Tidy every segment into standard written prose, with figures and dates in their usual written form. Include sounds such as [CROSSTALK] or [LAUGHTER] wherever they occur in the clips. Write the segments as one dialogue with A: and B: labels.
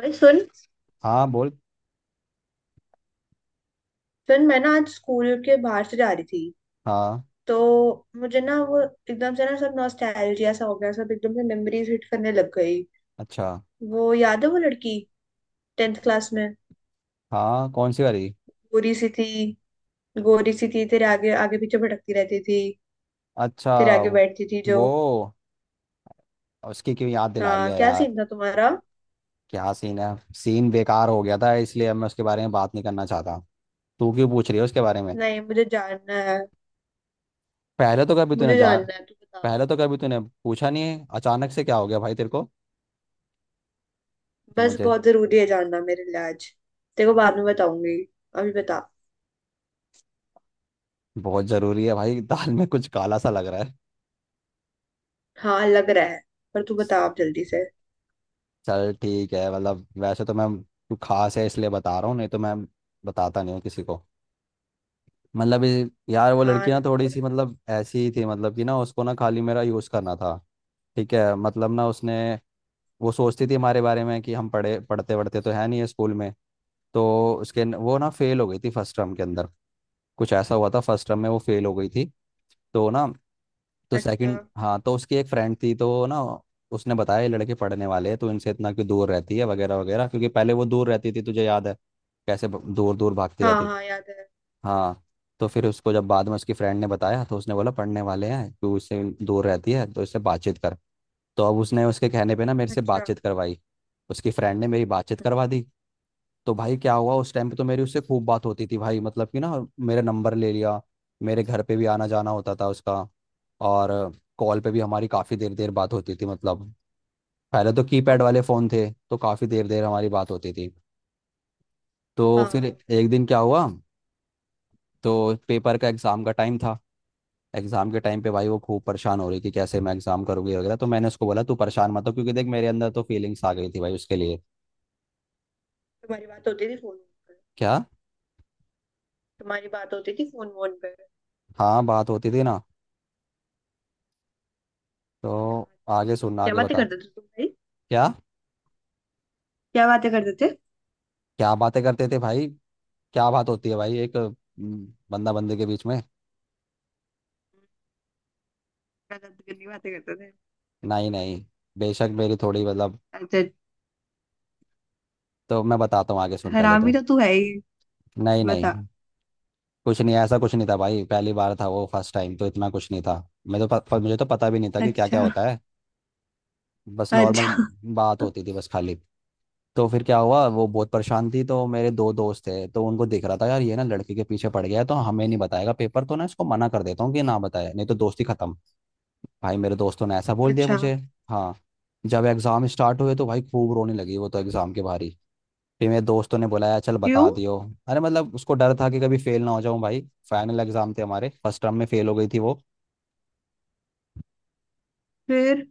A: ओए सुन।
B: हाँ बोल।
A: सुन, मैं ना आज स्कूल के बाहर से जा रही थी
B: हाँ।
A: तो मुझे ना वो एकदम से ना सब नॉस्टैल्जिया सा हो गया, सब एकदम से मेमोरीज हिट करने लग गई।
B: अच्छा।
A: वो याद है, वो लड़की टेंथ क्लास में
B: हाँ, कौन सी वाली।
A: गोरी सी थी। गोरी सी थी, तेरे आगे आगे पीछे भटकती रहती थी,
B: अच्छा।
A: तेरे आगे बैठती थी जो।
B: वो उसकी क्यों याद दिला रही
A: हाँ,
B: है
A: क्या
B: यार।
A: सीन था तुम्हारा।
B: क्या सीन है। सीन बेकार हो गया था, इसलिए अब मैं उसके बारे में बात नहीं करना चाहता। तू क्यों पूछ रही है उसके बारे में।
A: नहीं, मुझे जानना है।
B: पहले तो कभी तूने
A: मुझे
B: जान
A: जानना है, तू बता।
B: पहले तो कभी तूने पूछा नहीं है, अचानक से क्या हो गया भाई तेरे को।
A: बस
B: मुझे।
A: बहुत जरूरी है जानना मेरे लिए आज। तेरे को बाद में बताऊंगी, अभी बता।
B: बहुत ज़रूरी है भाई। [LAUGHS] दाल में कुछ काला सा लग रहा है।
A: हाँ, लग रहा है। पर तू बता, आप जल्दी से।
B: चल ठीक है, मतलब वैसे तो मैं। तू खास है इसलिए बता रहा हूँ, नहीं तो मैं बताता नहीं हूँ किसी को। मतलब यार वो
A: हाँ,
B: लड़की ना
A: ना
B: थोड़ी
A: बोला।
B: सी मतलब ऐसी ही थी, मतलब कि ना उसको ना खाली मेरा यूज़ करना था। ठीक है मतलब ना उसने। वो सोचती थी हमारे बारे में कि हम पढ़े पढ़ते पढ़ते तो है नहीं है स्कूल में। तो उसके वो ना फेल हो गई थी फर्स्ट टर्म के अंदर। कुछ ऐसा हुआ था फर्स्ट टर्म में, वो फेल हो गई थी। तो ना, तो
A: अच्छा।
B: सेकंड, हाँ तो उसकी एक फ्रेंड थी तो ना। उसने बताया ये लड़के पढ़ने वाले हैं तो इनसे इतना क्यों दूर रहती है वगैरह वगैरह, क्योंकि पहले वो दूर रहती थी, तुझे याद है। कैसे दूर दूर भागती
A: हाँ
B: रहती।
A: हाँ, याद है।
B: हाँ। तो फिर उसको जब बाद में उसकी फ्रेंड ने बताया तो उसने बोला पढ़ने वाले हैं, तू उससे दूर रहती है, तो उससे बातचीत कर। तो अब उसने उसके कहने पे ना मेरे से
A: अच्छा।
B: बातचीत करवाई। उसकी फ्रेंड ने मेरी बातचीत
A: हम्म।
B: करवा दी। तो भाई क्या हुआ, उस टाइम पे तो मेरी उससे खूब बात होती थी भाई, मतलब कि ना। मेरा नंबर ले लिया। मेरे घर पे भी आना जाना होता था उसका। और कॉल पे भी हमारी काफ़ी देर देर बात होती थी मतलब। पहले तो
A: ओ।
B: कीपैड वाले फ़ोन थे तो काफ़ी देर देर हमारी बात होती थी। तो फिर
A: हाँ।
B: एक दिन क्या हुआ। तो पेपर का एग्ज़ाम का टाइम था। एग्जाम के टाइम पे भाई वो खूब परेशान हो रही कि कैसे मैं एग्जाम करूंगी वगैरह, तो मैंने उसको बोला तू परेशान मत हो, क्योंकि देख मेरे अंदर तो फीलिंग्स आ गई थी भाई उसके लिए।
A: तुम्हारी बात होती थी फोन पे?
B: क्या।
A: तुम्हारी बात होती थी फोन वोन पे?
B: हाँ बात होती थी ना।
A: क्या?
B: तो
A: अच्छा।
B: आगे सुनना,
A: क्या
B: आगे
A: बातें
B: बता।
A: करते थे तुम भाई?
B: क्या।
A: क्या बातें करते थे?
B: क्या बातें करते थे भाई। क्या बात होती है भाई एक बंदा बंदे के बीच में।
A: गलत गंदी बातें करते थे।
B: नहीं नहीं, बेशक मेरी थोड़ी मतलब।
A: अच्छा।
B: तो मैं बताता हूँ आगे सुन पहले
A: हरामी
B: तू।
A: तो तू है ही।
B: नहीं नहीं,
A: बता।
B: कुछ नहीं, ऐसा कुछ नहीं था भाई, पहली बार था वो, फर्स्ट टाइम तो इतना कुछ नहीं था। मैं तो प, प, मुझे तो पता भी नहीं था कि क्या क्या
A: अच्छा।
B: होता है। बस नॉर्मल
A: अच्छा।
B: बात होती थी बस खाली। तो फिर क्या हुआ, वो बहुत परेशान थी, तो मेरे दो दोस्त थे, तो उनको दिख रहा था यार ये ना लड़के के पीछे पड़ गया है, तो हमें नहीं बताएगा पेपर, तो ना इसको मना कर देता हूँ कि ना बताए नहीं तो दोस्ती खत्म। भाई मेरे दोस्तों ने ऐसा बोल दिया
A: अच्छा।
B: मुझे। हाँ। जब एग्जाम स्टार्ट हुए तो भाई खूब रोने लगी वो तो एग्जाम के बाहर ही। फिर मेरे दोस्तों ने बुलाया, चल
A: क्यों?
B: बता दियो। अरे मतलब उसको डर था कि कभी फेल ना हो जाऊं भाई। फाइनल एग्जाम थे हमारे, फर्स्ट टर्म में फेल हो गई थी वो।
A: फिर?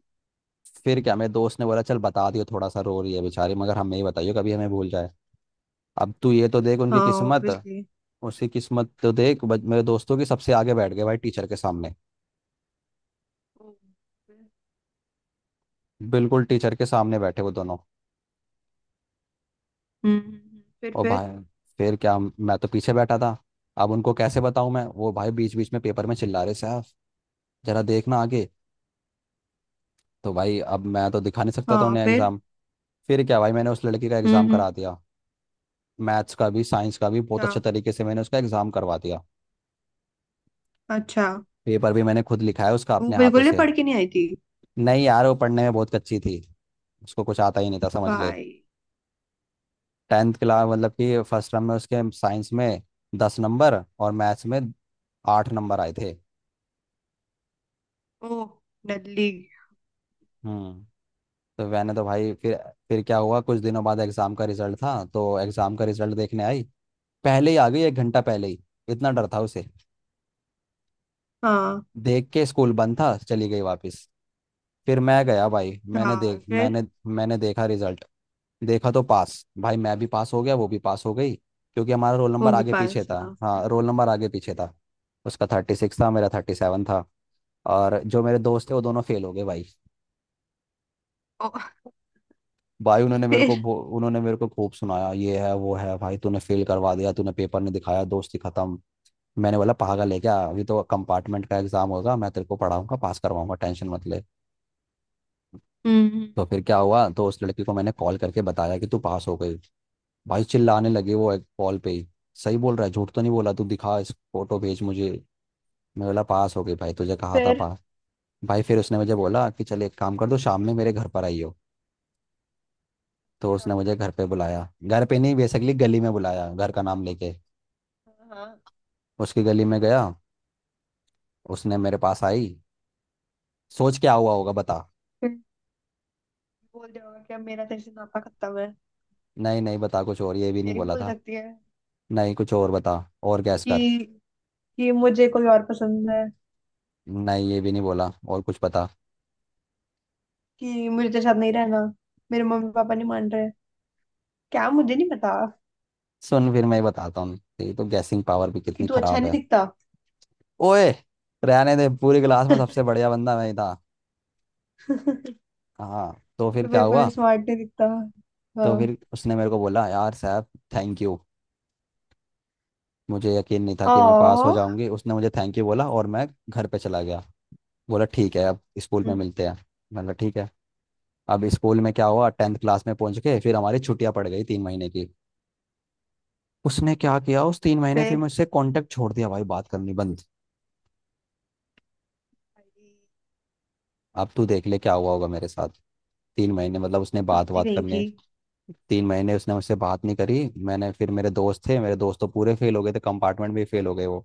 B: फिर क्या, मेरे दोस्त ने बोला चल बता दियो, थोड़ा सा रो रही है बेचारी, मगर हमें ही बताइयो, कभी हमें भूल जाए। अब तू ये तो देख
A: हाँ।
B: उनकी किस्मत।
A: ऑब्वियसली।
B: उसकी किस्मत तो देख मेरे दोस्तों की, सबसे आगे बैठ गए भाई टीचर के सामने।
A: हम्म हम्म,
B: बिल्कुल टीचर के सामने बैठे वो दोनों।
A: फिर
B: और भाई।
A: फिर
B: फिर क्या, मैं तो पीछे बैठा था। अब उनको कैसे बताऊं मैं, वो भाई बीच बीच में पेपर में चिल्ला रहे साहब, जरा देखना आगे। तो भाई अब मैं तो दिखा नहीं सकता था
A: हाँ,
B: उन्हें
A: फिर?
B: एग्जाम। फिर क्या भाई, मैंने उस लड़की का
A: हम्म
B: एग्जाम
A: हम्म,
B: करा दिया। मैथ्स का भी, साइंस का भी, बहुत
A: अच्छा।
B: अच्छे तरीके से मैंने उसका एग्जाम करवा दिया।
A: अच्छा।
B: पेपर भी मैंने खुद लिखा है उसका
A: वो
B: अपने हाथों
A: बिल्कुल नहीं
B: से।
A: पढ़ के नहीं आई थी
B: नहीं यार, वो पढ़ने में बहुत कच्ची थी। उसको कुछ आता ही नहीं था, समझ ले।
A: भाई।
B: टेंथ क्लास, मतलब कि फर्स्ट टर्म में उसके साइंस में 10 नंबर और मैथ्स में 8 नंबर आए थे।
A: ओ। डडली।
B: हम्म। तो मैंने तो भाई फिर। फिर क्या हुआ, कुछ दिनों बाद एग्ज़ाम का रिजल्ट था, तो एग्ज़ाम का रिजल्ट देखने आई। पहले ही आ गई, एक घंटा पहले ही। इतना डर था उसे।
A: हाँ।
B: देख के स्कूल बंद था, चली गई वापस। फिर मैं गया भाई, मैंने
A: चार,
B: देख
A: फिर?
B: मैंने। मैंने देखा रिजल्ट। देखा तो पास, भाई मैं भी पास हो गया, वो भी पास हो गई, क्योंकि हमारा रोल
A: वो
B: नंबर
A: भी
B: आगे पीछे
A: पास,
B: था,
A: हाँ?
B: हाँ रोल नंबर आगे पीछे था। उसका 36 था, मेरा 37 था। और जो मेरे दोस्त थे वो दोनों फेल हो गए भाई।
A: ओ।
B: भाई
A: फिर?
B: उन्होंने मेरे को खूब सुनाया ये है वो है, भाई तूने फेल करवा दिया, तूने पेपर नहीं दिखाया, दोस्ती खत्म। मैंने बोला पागल है क्या, अभी तो कंपार्टमेंट का एग्जाम होगा, मैं तेरे को पढ़ाऊंगा, पास करवाऊंगा, टेंशन मत ले।
A: हम्म।
B: तो फिर क्या हुआ, तो उस लड़की को मैंने कॉल करके बताया कि तू पास हो गई। भाई चिल्लाने लगे वो एक कॉल पे ही। सही बोल रहा है, झूठ तो नहीं बोला, तू दिखा, इस फोटो भेज मुझे। मैं बोला पास हो गई भाई, तुझे कहा था
A: फिर?
B: पास। भाई फिर उसने मुझे बोला कि चल एक काम कर, दो शाम में मेरे घर पर आई हो। तो उसने
A: हाँ।
B: मुझे घर पे बुलाया, घर पे नहीं बेसिकली गली में बुलाया, घर का नाम लेके।
A: हाँ,
B: उसकी गली में गया। उसने मेरे पास आई। सोच क्या हुआ होगा, बता।
A: फिर? बोल दिया होगा कि अब मेरा तेरे से नाता खत्म है।
B: नहीं नहीं, बता कुछ और, ये भी नहीं
A: यही
B: बोला
A: बोल
B: था।
A: सकती है।
B: नहीं, कुछ और बता। और गैस कर।
A: कि कि मुझे कोई और पसंद है।
B: नहीं, ये भी नहीं बोला, और कुछ बता।
A: कि मुझे तेरे साथ नहीं रहना। मेरे मम्मी पापा नहीं मान रहे। क्या मुझे नहीं पता।
B: सुन फिर मैं बताता हूँ, तेरी तो गैसिंग पावर भी
A: कि
B: कितनी
A: तू अच्छा
B: खराब
A: नहीं
B: है।
A: दिखता।
B: ओए। रहने दे, पूरी क्लास में सबसे
A: [LAUGHS]
B: बढ़िया बंदा मैं ही था। हाँ तो फिर
A: तो
B: क्या
A: बिल्कुल
B: हुआ।
A: स्मार्ट नहीं दिखता।
B: तो
A: हाँ।
B: फिर उसने मेरे को बोला यार साहब थैंक यू, मुझे यकीन नहीं था कि मैं पास हो
A: ओ।
B: जाऊंगी, उसने मुझे थैंक यू बोला और मैं घर पे चला गया। बोला ठीक है, अब स्कूल में मिलते हैं। मतलब ठीक है। अब स्कूल में क्या हुआ, टेंथ क्लास में पहुंच के फिर हमारी छुट्टियां पड़ गई 3 महीने की। उसने क्या किया, उस 3 महीने फिर
A: फिर?
B: मुझसे कांटेक्ट छोड़ दिया भाई, बात करनी बंद। अब तू देख ले क्या हुआ होगा मेरे साथ। 3 महीने, मतलब उसने बात
A: कुत्ती
B: बात
A: कहीं
B: करने।
A: की।
B: 3 महीने उसने मुझसे बात नहीं करी। मैंने फिर, मेरे दोस्त थे, मेरे दोस्त तो पूरे फेल हो गए थे, कंपार्टमेंट भी फेल हो गए वो।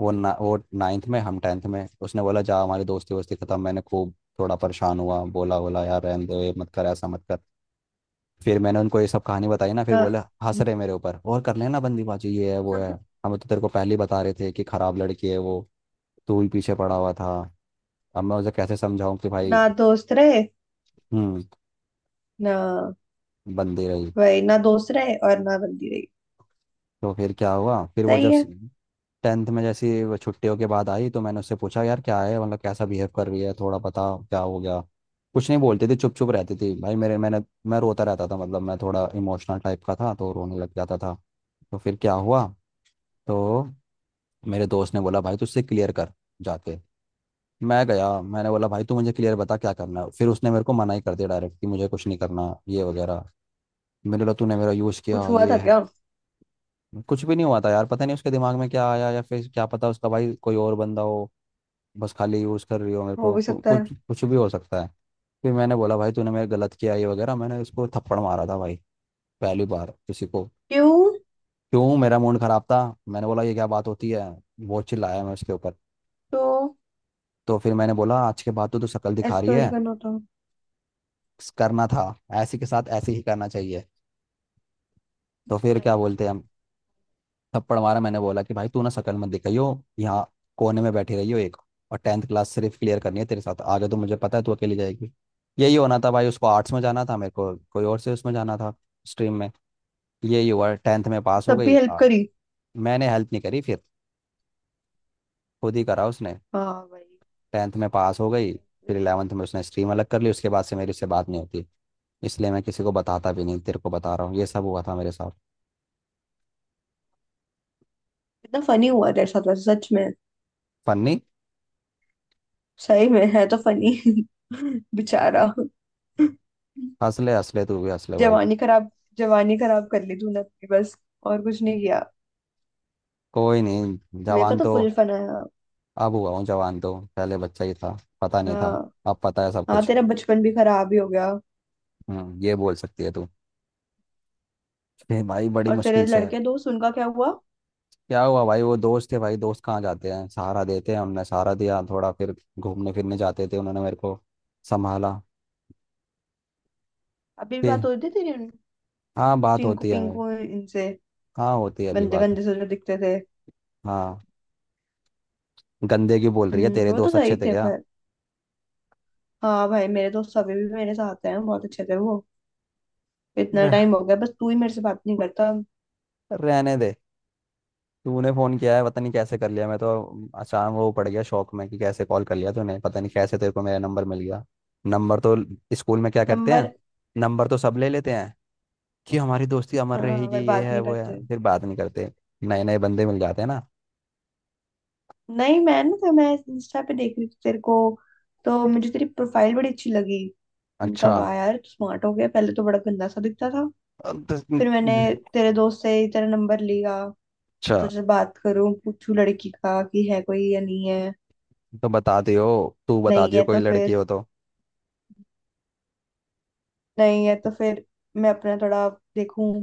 B: वो ना वो नाइन्थ में, हम टेंथ में, उसने बोला जा हमारी दोस्ती वोस्ती खत्म, मैंने खूब। थोड़ा परेशान हुआ, बोला बोला यार रहने दो, ये मत कर, ऐसा मत कर। फिर मैंने उनको ये सब कहानी बताई ना, फिर बोले।
A: हाँ।
B: हंस रहे मेरे ऊपर, और कर लेना बंदीबाजी, ये है वो है।
A: [LAUGHS]
B: हम तो तेरे को पहले ही बता रहे थे कि खराब लड़की है वो, तू ही पीछे पड़ा हुआ था। अब मैं उसे कैसे समझाऊं कि
A: ना
B: भाई।
A: दोस्त रहे,
B: हम्म।
A: ना।
B: बंदी रही।
A: वही, ना दोस्त रहे और ना बंदी रही।
B: तो फिर क्या हुआ, फिर वो
A: सही
B: जब
A: है।
B: टेंथ में जैसी वो छुट्टियों के बाद आई, तो मैंने उससे पूछा यार क्या है, मतलब कैसा बिहेव कर रही है, थोड़ा बता क्या हो गया। कुछ नहीं बोलती थी, चुप चुप रहती थी भाई, मेरे मैंने। मैं रोता रहता था, मतलब मैं थोड़ा इमोशनल टाइप का था तो रोने लग जाता था। तो फिर क्या हुआ। तो मेरे दोस्त ने बोला भाई तू उससे क्लियर कर जाके। मैं गया, मैंने बोला भाई तू मुझे क्लियर बता क्या करना है, फिर उसने मेरे को मना ही कर दिया डायरेक्ट कि मुझे कुछ नहीं करना ये वगैरह। मेरे बोला तूने मेरा यूज़
A: कुछ
B: किया
A: हुआ
B: ये।
A: था क्या?
B: कुछ भी नहीं हुआ था यार, पता नहीं उसके दिमाग में क्या आया, या फिर क्या पता उसका भाई कोई और बंदा हो, बस खाली यूज़ कर रही हो मेरे
A: हो
B: को,
A: भी सकता है।
B: कुछ कुछ भी हो सकता है। फिर मैंने बोला भाई तूने मेरे गलत किया ये वगैरह, मैंने उसको थप्पड़ मारा था भाई। पहली बार किसी को।
A: क्यों?
B: क्यों, मेरा मूड खराब था। मैंने बोला ये क्या बात होती है। वो चिल्लाया मैं उसके ऊपर।
A: तो
B: तो फिर मैंने बोला आज के बाद तो तू शक्ल दिखा
A: ऐसे
B: रही
A: थोड़ी
B: है।
A: करना होता।
B: करना था, ऐसी के साथ ऐसे ही करना चाहिए। तो फिर
A: हाँ
B: क्या
A: यार।
B: बोलते हैं। थप्पड़ मारा, मैंने बोला कि भाई तू ना शक्ल मत दिखाइयो यहाँ, कोने में बैठी रही हो एक, और टेंथ क्लास सिर्फ क्लियर करनी है तेरे साथ, आगे तो मुझे पता है तू अकेली जाएगी। यही होना था भाई, उसको आर्ट्स में जाना था, मेरे को कोई और से उसमें जाना था, स्ट्रीम में। यही हुआ, टेंथ में पास हो
A: तब
B: गई
A: भी हेल्प
B: आ,
A: करी?
B: मैंने हेल्प नहीं करी फिर। खुद ही करा उसने।
A: हाँ भाई।
B: टेंथ में पास हो गई। फिर
A: इसलिए।
B: इलेवंथ में उसने स्ट्रीम अलग कर ली, उसके बाद से मेरी उससे बात नहीं होती। इसलिए मैं किसी को बताता भी नहीं, तेरे को बता रहा हूँ ये सब हुआ था मेरे साथ।
A: इतना फनी हुआ तेरे साथ वैसे, सच में?
B: फन्नी।
A: सही में है तो फनी। [LAUGHS] बेचारा।
B: हंस ले, हंस ले, तू भी हंस ले भाई।
A: जवानी खराब, जवानी खराब कर ली तूने अपनी बस। और कुछ नहीं किया।
B: कोई नहीं।
A: मेरे को
B: जवान
A: तो
B: तो।
A: फुल फन आया।
B: अब हुआ हूँ जवान, तो पहले बच्चा ही था, पता नहीं था।
A: हाँ।
B: अब पता है सब
A: हाँ,
B: कुछ।
A: तेरा बचपन भी खराब ही हो गया।
B: ये बोल सकती है तू। फिर भाई बड़ी
A: और
B: मुश्किल
A: तेरे
B: से है।
A: लड़के दोस्त, उनका क्या हुआ?
B: क्या हुआ भाई, वो दोस्त थे भाई, दोस्त कहाँ जाते हैं, सहारा देते हैं, हमने सहारा दिया थोड़ा, फिर घूमने फिरने जाते थे, उन्होंने मेरे को संभाला।
A: अभी भी
B: फिर।
A: बात हो रही थी तेरी
B: हाँ बात
A: चिंकू
B: होती है मेरे।
A: पिंकू इनसे?
B: हाँ, होती है अभी
A: गंदे
B: बात।
A: गंदे से जो दिखते थे।
B: हाँ। गंदे की बोल रही है,
A: हम्म,
B: तेरे
A: वो तो
B: दोस्त
A: सही
B: अच्छे थे
A: थे,
B: क्या।
A: पर हाँ भाई मेरे दोस्त अभी भी मेरे साथ हैं, बहुत अच्छे थे वो। इतना
B: रह,
A: टाइम हो गया, बस तू ही मेरे से बात नहीं करता।
B: रहने दे। तूने फोन किया है, पता नहीं कैसे कर लिया, मैं तो। अचानक वो पड़ गया शौक में कि कैसे कॉल कर लिया तूने, पता नहीं कैसे तेरे को मेरा नंबर मिल गया। नंबर तो, स्कूल में क्या करते हैं,
A: नंबर।
B: नंबर तो सब ले लेते हैं कि हमारी दोस्ती अमर
A: हाँ,
B: रहेगी
A: पर
B: ये
A: बात
B: है
A: नहीं
B: वो है,
A: करते।
B: फिर बात नहीं करते। नए नए बंदे मिल जाते हैं ना।
A: नहीं, मैं ना, तो मैं इंस्टा पे देख रही थी तेरे को, तो मुझे तेरी प्रोफाइल बड़ी अच्छी लगी। इनका
B: अच्छा।
A: वाह यार, तू स्मार्ट हो गया, पहले तो बड़ा गंदा सा दिखता था।
B: अब तो-
A: फिर मैंने तेरे दोस्त से ही तेरा नंबर लिया, तो
B: अच्छा।
A: तुझसे बात करूं, पूछूं लड़की का कि है कोई या नहीं है।
B: तो बता दियो, तू बता
A: नहीं
B: दियो
A: है
B: कोई
A: तो
B: लड़की
A: फिर
B: हो तो।
A: नहीं है तो फिर मैं अपना थोड़ा देखूं।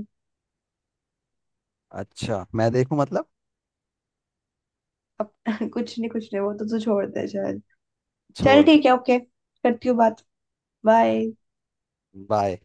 B: अच्छा मैं देखूं मतलब।
A: अप, [LAUGHS] कुछ नहीं, कुछ नहीं, वो तो तू छोड़ दे शायद। चल
B: छोड़ दे।
A: ठीक है, ओके, करती हूँ बात। बाय।
B: बाय।